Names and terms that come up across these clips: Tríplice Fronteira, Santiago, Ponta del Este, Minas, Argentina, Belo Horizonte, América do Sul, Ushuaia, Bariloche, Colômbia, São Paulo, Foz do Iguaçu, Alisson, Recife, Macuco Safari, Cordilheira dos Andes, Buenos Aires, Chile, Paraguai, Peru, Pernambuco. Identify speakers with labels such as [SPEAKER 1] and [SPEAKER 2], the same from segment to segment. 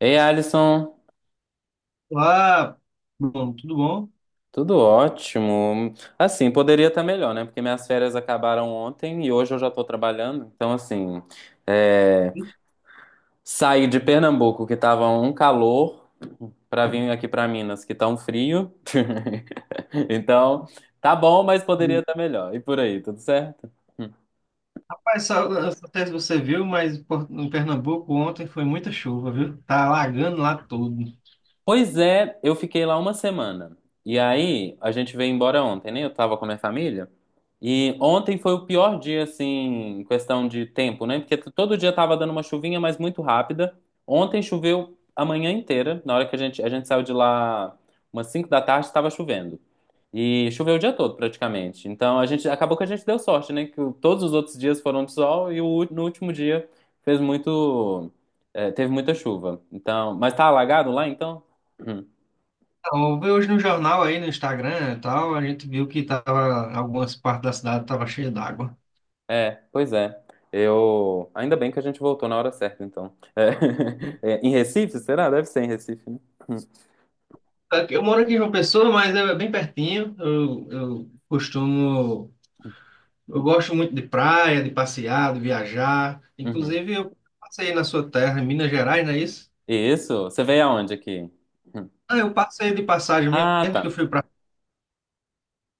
[SPEAKER 1] Ei, Alisson,
[SPEAKER 2] Olá, bom, tudo bom?
[SPEAKER 1] tudo ótimo. Assim, poderia estar melhor, né? Porque minhas férias acabaram ontem e hoje eu já estou trabalhando. Então, assim, é, saí de Pernambuco, que tava um calor, para vir aqui para Minas, que tá um frio. Então, tá bom, mas poderia estar melhor. E por aí, tudo certo?
[SPEAKER 2] Rapaz, só, não sei se você viu, mas em Pernambuco ontem foi muita chuva, viu? Tá alagando lá tudo.
[SPEAKER 1] Pois é, eu fiquei lá uma semana. E aí, a gente veio embora ontem, né? Eu tava com a minha família. E ontem foi o pior dia, assim, em questão de tempo, né? Porque todo dia tava dando uma chuvinha, mas muito rápida. Ontem choveu a manhã inteira. Na hora que a gente saiu de lá, umas 5 da tarde, estava chovendo. E choveu o dia todo, praticamente. Então, a gente, acabou que a gente deu sorte, né? Que todos os outros dias foram de sol e no último dia fez muito, teve muita chuva. Então, mas tá alagado lá, então? Hum.
[SPEAKER 2] Então, eu vi hoje no jornal aí, no Instagram e tal, a gente viu que tava, algumas partes da cidade tava cheia d'água.
[SPEAKER 1] É, pois é. Eu. Ainda bem que a gente voltou na hora certa, então. É. É, em Recife, será? Deve ser em Recife, né?
[SPEAKER 2] Eu moro aqui em João Pessoa, mas é bem pertinho. Eu costumo, eu gosto muito de praia, de passear, de viajar.
[SPEAKER 1] Uhum.
[SPEAKER 2] Inclusive, eu passei na sua terra, em Minas Gerais, não é isso?
[SPEAKER 1] Isso. Você veio aonde aqui? Hum.
[SPEAKER 2] Ah, eu passei de passagem
[SPEAKER 1] Ah,
[SPEAKER 2] mesmo, que eu
[SPEAKER 1] tá.
[SPEAKER 2] fui para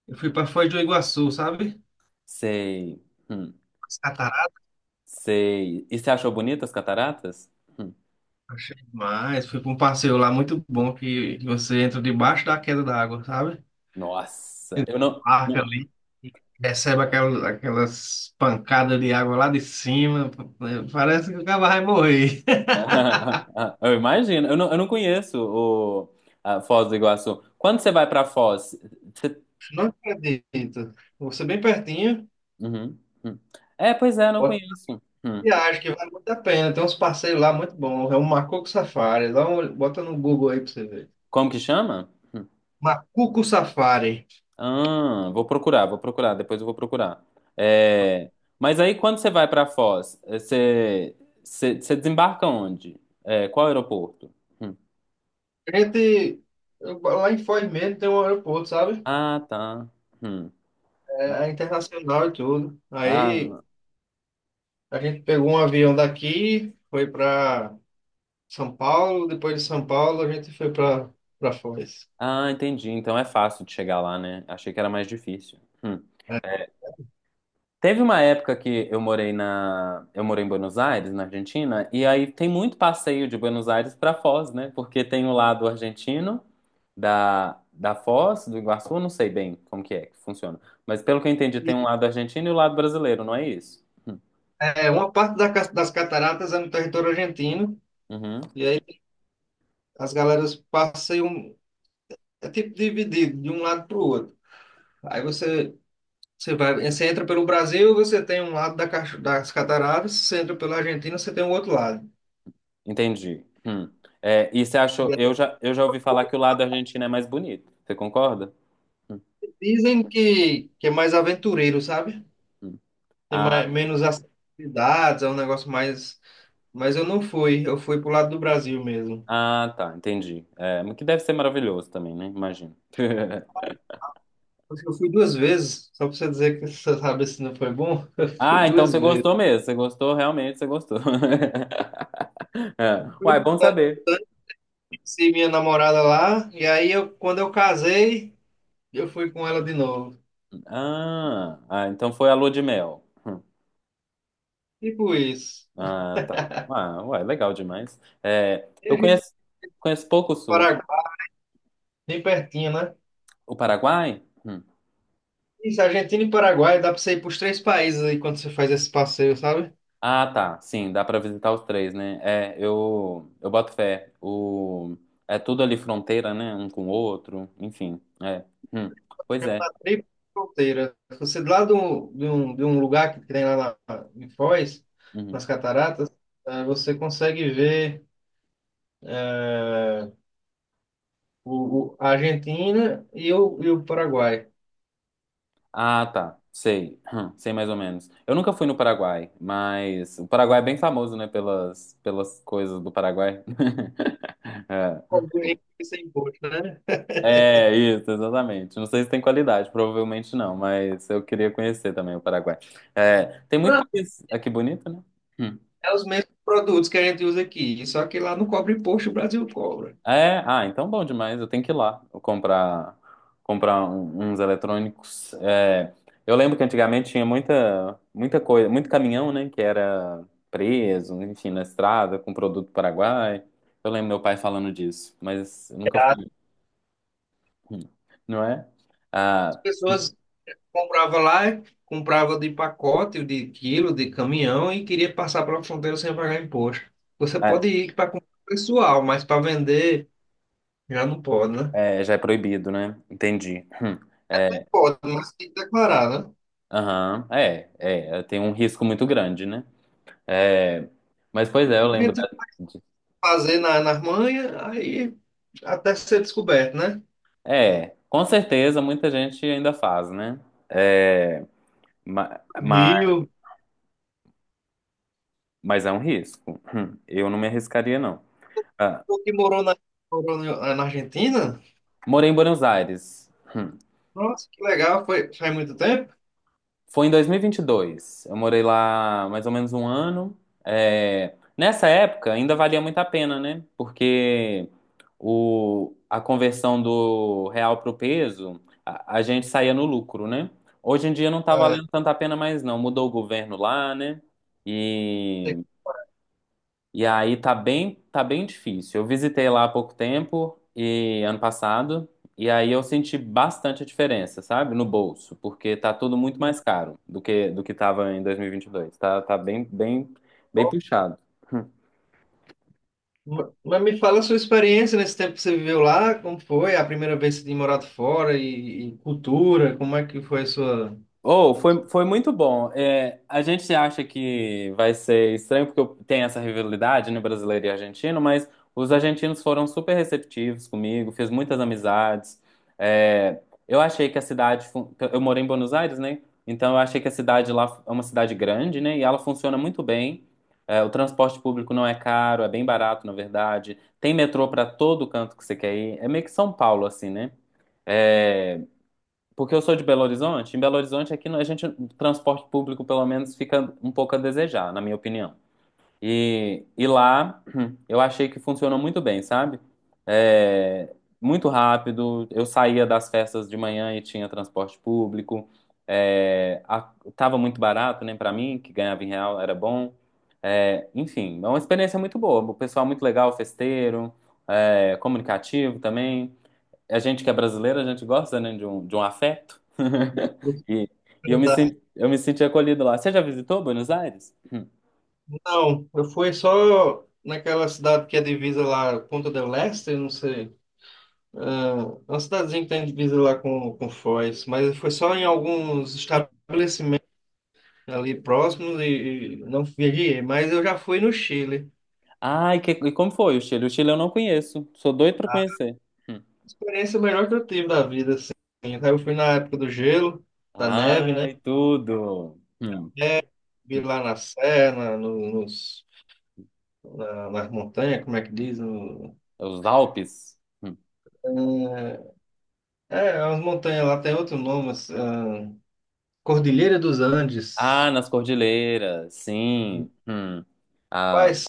[SPEAKER 2] Eu fui para Foz do Iguaçu, sabe?
[SPEAKER 1] Sei. Hum.
[SPEAKER 2] As cataratas,
[SPEAKER 1] Sei. E você achou bonitas as cataratas? Hum.
[SPEAKER 2] achei demais. Fui para um passeio lá muito bom que você entra debaixo da queda d'água, sabe?
[SPEAKER 1] Nossa, eu não.
[SPEAKER 2] Parca ali, recebe aquelas, aquelas pancadas de água lá de cima. Parece que o cara vai morrer.
[SPEAKER 1] Eu imagino. Eu não conheço o a Foz do Iguaçu. Quando você vai pra Foz? Você...
[SPEAKER 2] Não acredito. Você bem pertinho.
[SPEAKER 1] Uhum. Hum. É, pois é, eu não
[SPEAKER 2] Bota
[SPEAKER 1] conheço. Hum.
[SPEAKER 2] viagem que vale muito a pena. Tem uns passeios lá muito bons. É o Macuco Safari. Dá um, bota no Google aí para você ver.
[SPEAKER 1] Como que chama?
[SPEAKER 2] Macuco Safari.
[SPEAKER 1] Ah, vou procurar, depois eu vou procurar. É, mas aí quando você vai para Foz, é, você desembarca onde? É, qual aeroporto? Hum.
[SPEAKER 2] A gente, lá em Foz mesmo tem um aeroporto, sabe?
[SPEAKER 1] Ah, tá. Hum.
[SPEAKER 2] É, é internacional e tudo. Aí
[SPEAKER 1] Ah,
[SPEAKER 2] a gente pegou um avião daqui, foi para São Paulo, depois de São Paulo a gente foi para Foz.
[SPEAKER 1] ah, entendi. Então é fácil de chegar lá, né? Achei que era mais difícil. Hum.
[SPEAKER 2] É,
[SPEAKER 1] Teve uma época que eu morei em Buenos Aires, na Argentina, e aí tem muito passeio de Buenos Aires para Foz, né? Porque tem o lado argentino da Foz, do Iguaçu, eu não sei bem como que é que funciona. Mas pelo que eu entendi,
[SPEAKER 2] E,
[SPEAKER 1] tem um lado argentino e o lado brasileiro, não é isso? Hum.
[SPEAKER 2] é, uma parte das cataratas é no território argentino,
[SPEAKER 1] Uhum.
[SPEAKER 2] e aí as galeras passeiam, é tipo dividido de um lado para o outro. Aí você, você vai, você entra pelo Brasil, você tem um lado das cataratas, você entra pela Argentina, você tem o outro lado.
[SPEAKER 1] Entendi. Hum. É, e você achou? Eu já ouvi falar que o lado argentino é mais bonito. Você concorda?
[SPEAKER 2] Dizem que é mais aventureiro, sabe?
[SPEAKER 1] Hum.
[SPEAKER 2] Tem
[SPEAKER 1] Ah,
[SPEAKER 2] mais, menos atividades, é um negócio mais. Mas eu não fui, eu fui pro lado do Brasil mesmo.
[SPEAKER 1] ah, tá, entendi. É, mas que deve ser maravilhoso também, né? Imagino.
[SPEAKER 2] Eu fui duas vezes, só pra você dizer que você sabe se não foi bom, eu fui
[SPEAKER 1] Ah, então
[SPEAKER 2] duas
[SPEAKER 1] você
[SPEAKER 2] vezes.
[SPEAKER 1] gostou mesmo. Você gostou, realmente, você gostou. É.
[SPEAKER 2] Fui
[SPEAKER 1] Uai, bom
[SPEAKER 2] quando eu
[SPEAKER 1] saber.
[SPEAKER 2] conheci minha namorada lá, e aí eu, quando eu casei, eu fui com ela de novo.
[SPEAKER 1] Ah, ah, então foi a lua de mel. Hum.
[SPEAKER 2] Tipo isso.
[SPEAKER 1] Ah, tá. Ah, uai, legal demais. É,
[SPEAKER 2] E a
[SPEAKER 1] eu
[SPEAKER 2] gente
[SPEAKER 1] conheço, conheço pouco o Sul.
[SPEAKER 2] Paraguai, bem pertinho, né?
[SPEAKER 1] O Paraguai? Hum.
[SPEAKER 2] Isso, Argentina e Paraguai, dá pra você ir pros três países aí quando você faz esse passeio, sabe?
[SPEAKER 1] Ah, tá. Sim, dá pra visitar os três, né? É, eu boto fé. O, é tudo ali fronteira, né? Um com o outro. Enfim, é. Hum. Pois é.
[SPEAKER 2] Chama Tríplice Fronteira. Você lá do, lado de, um, de um lugar que tem lá na, em Foz,
[SPEAKER 1] Uhum.
[SPEAKER 2] nas Cataratas, você consegue ver é, o, a Argentina e o Paraguai.
[SPEAKER 1] Ah, tá. Sei. Sei mais ou menos. Eu nunca fui no Paraguai, mas o Paraguai é bem famoso, né, pelas coisas do Paraguai. É.
[SPEAKER 2] Cobre sem imposto, né?
[SPEAKER 1] É, isso, exatamente. Não sei se tem qualidade, provavelmente não, mas eu queria conhecer também o Paraguai. É, tem muito
[SPEAKER 2] Ah,
[SPEAKER 1] país aqui bonito, né? Hum.
[SPEAKER 2] é os mesmos produtos que a gente usa aqui, só que lá não cobra imposto, o Brasil cobra.
[SPEAKER 1] É, ah, então bom demais. Eu tenho que ir lá comprar uns eletrônicos. É, eu lembro que antigamente tinha muita muita coisa, muito caminhão, né, que era preso, enfim, na estrada com produto paraguai. Eu lembro meu pai falando disso, mas eu nunca fui. Hum. Não é?
[SPEAKER 2] As
[SPEAKER 1] Ah,
[SPEAKER 2] pessoas compravam lá, compravam de pacote, de quilo, de caminhão e queria passar pela fronteira sem pagar imposto. Você pode
[SPEAKER 1] ah,
[SPEAKER 2] ir para comprar pessoal, mas para vender. Já não pode, né?
[SPEAKER 1] é, já é proibido, né? Entendi. Hum. É,
[SPEAKER 2] Pode, mas tem que declarar, né?
[SPEAKER 1] aham, é, tem um risco muito grande, né? É, mas pois é, eu
[SPEAKER 2] A
[SPEAKER 1] lembro.
[SPEAKER 2] gente fazer na, nas manhas, aí até ser descoberto, né?
[SPEAKER 1] É, com certeza muita gente ainda faz, né? É, ma-
[SPEAKER 2] O
[SPEAKER 1] ma-
[SPEAKER 2] Rio,
[SPEAKER 1] mas é um risco. Eu não me arriscaria, não. Ah,
[SPEAKER 2] o que morou na, morou na Argentina?
[SPEAKER 1] morei em Buenos Aires.
[SPEAKER 2] Nossa, que legal, foi faz muito tempo.
[SPEAKER 1] Foi em 2022. Eu morei lá mais ou menos um ano. É, nessa época ainda valia muito a pena, né? Porque a conversão do real pro peso, a gente saía no lucro, né? Hoje em dia não tá
[SPEAKER 2] É,
[SPEAKER 1] valendo tanto a pena mais, não. Mudou o governo lá, né?
[SPEAKER 2] tem-
[SPEAKER 1] E e aí tá bem difícil. Eu visitei lá há pouco tempo e ano passado, e aí eu senti bastante a diferença, sabe? No bolso, porque tá tudo muito mais caro do que tava em 2022. Tá, tá bem, bem, bem puxado.
[SPEAKER 2] mas me fala a sua experiência nesse tempo que você viveu lá, como foi a primeira vez que você tinha morado fora e cultura, como é que foi a sua...
[SPEAKER 1] Oh, foi, foi muito bom. É, a gente acha que vai ser estranho porque tem essa rivalidade, né, brasileiro e argentino, mas os argentinos foram super receptivos comigo, fiz muitas amizades. É, eu achei que eu morei em Buenos Aires, né? Então eu achei que a cidade lá é uma cidade grande, né? E ela funciona muito bem. É, o transporte público não é caro, é bem barato, na verdade. Tem metrô para todo canto que você quer ir. É meio que São Paulo, assim, né? É, porque eu sou de Belo Horizonte, em Belo Horizonte aqui a gente, o transporte público pelo menos fica um pouco a desejar, na minha opinião. E lá eu achei que funcionou muito bem, sabe? É, muito rápido, eu saía das festas de manhã e tinha transporte público. É, tava muito barato, né, para mim, que ganhava em real, era bom. É, enfim, é uma experiência muito boa. O pessoal muito legal, festeiro, é, comunicativo também a gente que é brasileiro, a gente gosta, né, de um afeto. E, e eu me senti acolhido lá. Você já visitou Buenos Aires? Hum.
[SPEAKER 2] Não, eu fui só naquela cidade que é divisa lá, Ponta del Este, não sei. É, é uma cidadezinha que tem divisa lá com Foz, mas foi só em alguns estabelecimentos ali próximos e não viajei, mas eu já fui no Chile.
[SPEAKER 1] Ai, que, e como foi o Chile? O Chile eu não conheço. Sou doido pra conhecer. Hum.
[SPEAKER 2] Experiência melhor que eu tive da vida, assim. Então, eu fui na época do gelo, da neve, né?
[SPEAKER 1] Ai, tudo. Hum.
[SPEAKER 2] Vi lá na serra, no, nos, nas montanhas, como é que diz? No,
[SPEAKER 1] Os Alpes? Hum.
[SPEAKER 2] é, é, as montanhas lá tem outro nome, mas, ah, Cordilheira dos
[SPEAKER 1] Ah,
[SPEAKER 2] Andes.
[SPEAKER 1] nas cordilheiras,
[SPEAKER 2] E,
[SPEAKER 1] sim. Hum. Ah,
[SPEAKER 2] rapaz,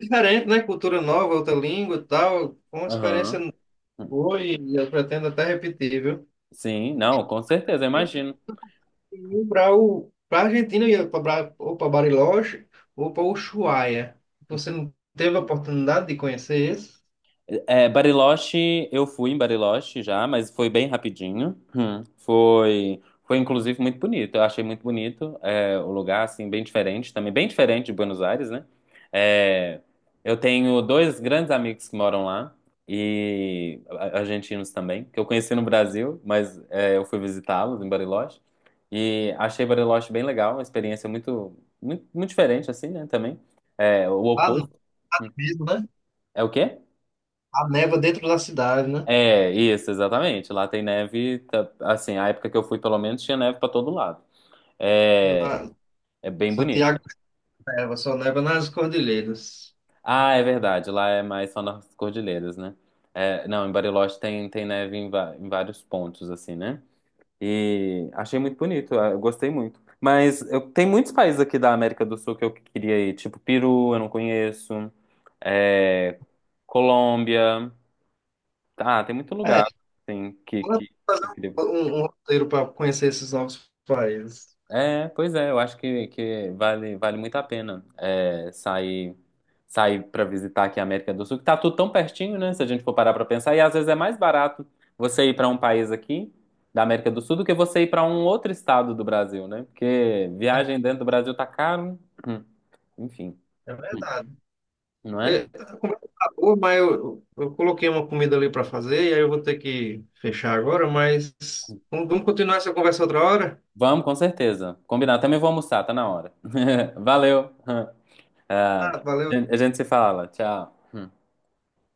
[SPEAKER 2] diferente, né? Cultura nova, outra língua e tal. Foi uma experiência.
[SPEAKER 1] aham.
[SPEAKER 2] Foi, e eu pretendo até repetir, viu?
[SPEAKER 1] Sim, não, com certeza, eu imagino.
[SPEAKER 2] E para Argentina eu ia para ou para Bariloche ou para Ushuaia. Você não teve a oportunidade de conhecer esse?
[SPEAKER 1] É, Bariloche, eu fui em Bariloche já, mas foi bem rapidinho. Hum. Foi, foi inclusive muito bonito. Eu achei muito bonito, é, o lugar assim bem diferente, também bem diferente de Buenos Aires, né? É, eu tenho dois grandes amigos que moram lá e argentinos também, que eu conheci no Brasil, mas é, eu fui visitá-los em Bariloche e achei Bariloche bem legal, uma experiência muito, muito, muito diferente assim, né? Também é o
[SPEAKER 2] Ah,
[SPEAKER 1] oposto.
[SPEAKER 2] não,
[SPEAKER 1] Hum.
[SPEAKER 2] mesmo, né?
[SPEAKER 1] É o quê?
[SPEAKER 2] A neva dentro da cidade, né?
[SPEAKER 1] É, isso, exatamente. Lá tem neve, assim, a época que eu fui, pelo menos, tinha neve pra todo lado. É,
[SPEAKER 2] Na-
[SPEAKER 1] é bem bonito.
[SPEAKER 2] Santiago neva, só neva nas cordilheiras.
[SPEAKER 1] Ah, é verdade, lá é mais só nas cordilheiras, né? É, não, em Bariloche tem, tem neve em, em vários pontos, assim, né? E achei muito bonito, eu gostei muito. Mas eu, tem muitos países aqui da América do Sul que eu queria ir, tipo Peru, eu não conheço, é, Colômbia. Ah, tem muito
[SPEAKER 2] É,
[SPEAKER 1] lugar, assim,
[SPEAKER 2] ela tem
[SPEAKER 1] que
[SPEAKER 2] que
[SPEAKER 1] eu
[SPEAKER 2] fazer
[SPEAKER 1] queria.
[SPEAKER 2] um, um roteiro para conhecer esses novos países.
[SPEAKER 1] É, pois é, eu acho que vale muito a pena é, sair, sair para visitar aqui a América do Sul, que tá tudo tão pertinho, né? Se a gente for parar para pensar, e às vezes é mais barato você ir para um país aqui da América do Sul do que você ir para um outro estado do Brasil, né? Porque viagem dentro do Brasil tá caro. Hum, enfim,
[SPEAKER 2] É verdade.
[SPEAKER 1] não é?
[SPEAKER 2] É, a conversa tá boa, mas eu coloquei uma comida ali para fazer e aí eu vou ter que fechar agora, mas vamos, vamos continuar essa conversa outra hora?
[SPEAKER 1] Vamos, com certeza. Combinado. Também vou almoçar, tá na hora. Valeu. Ah,
[SPEAKER 2] Ah, valeu.
[SPEAKER 1] a gente se fala. Tchau. Hum.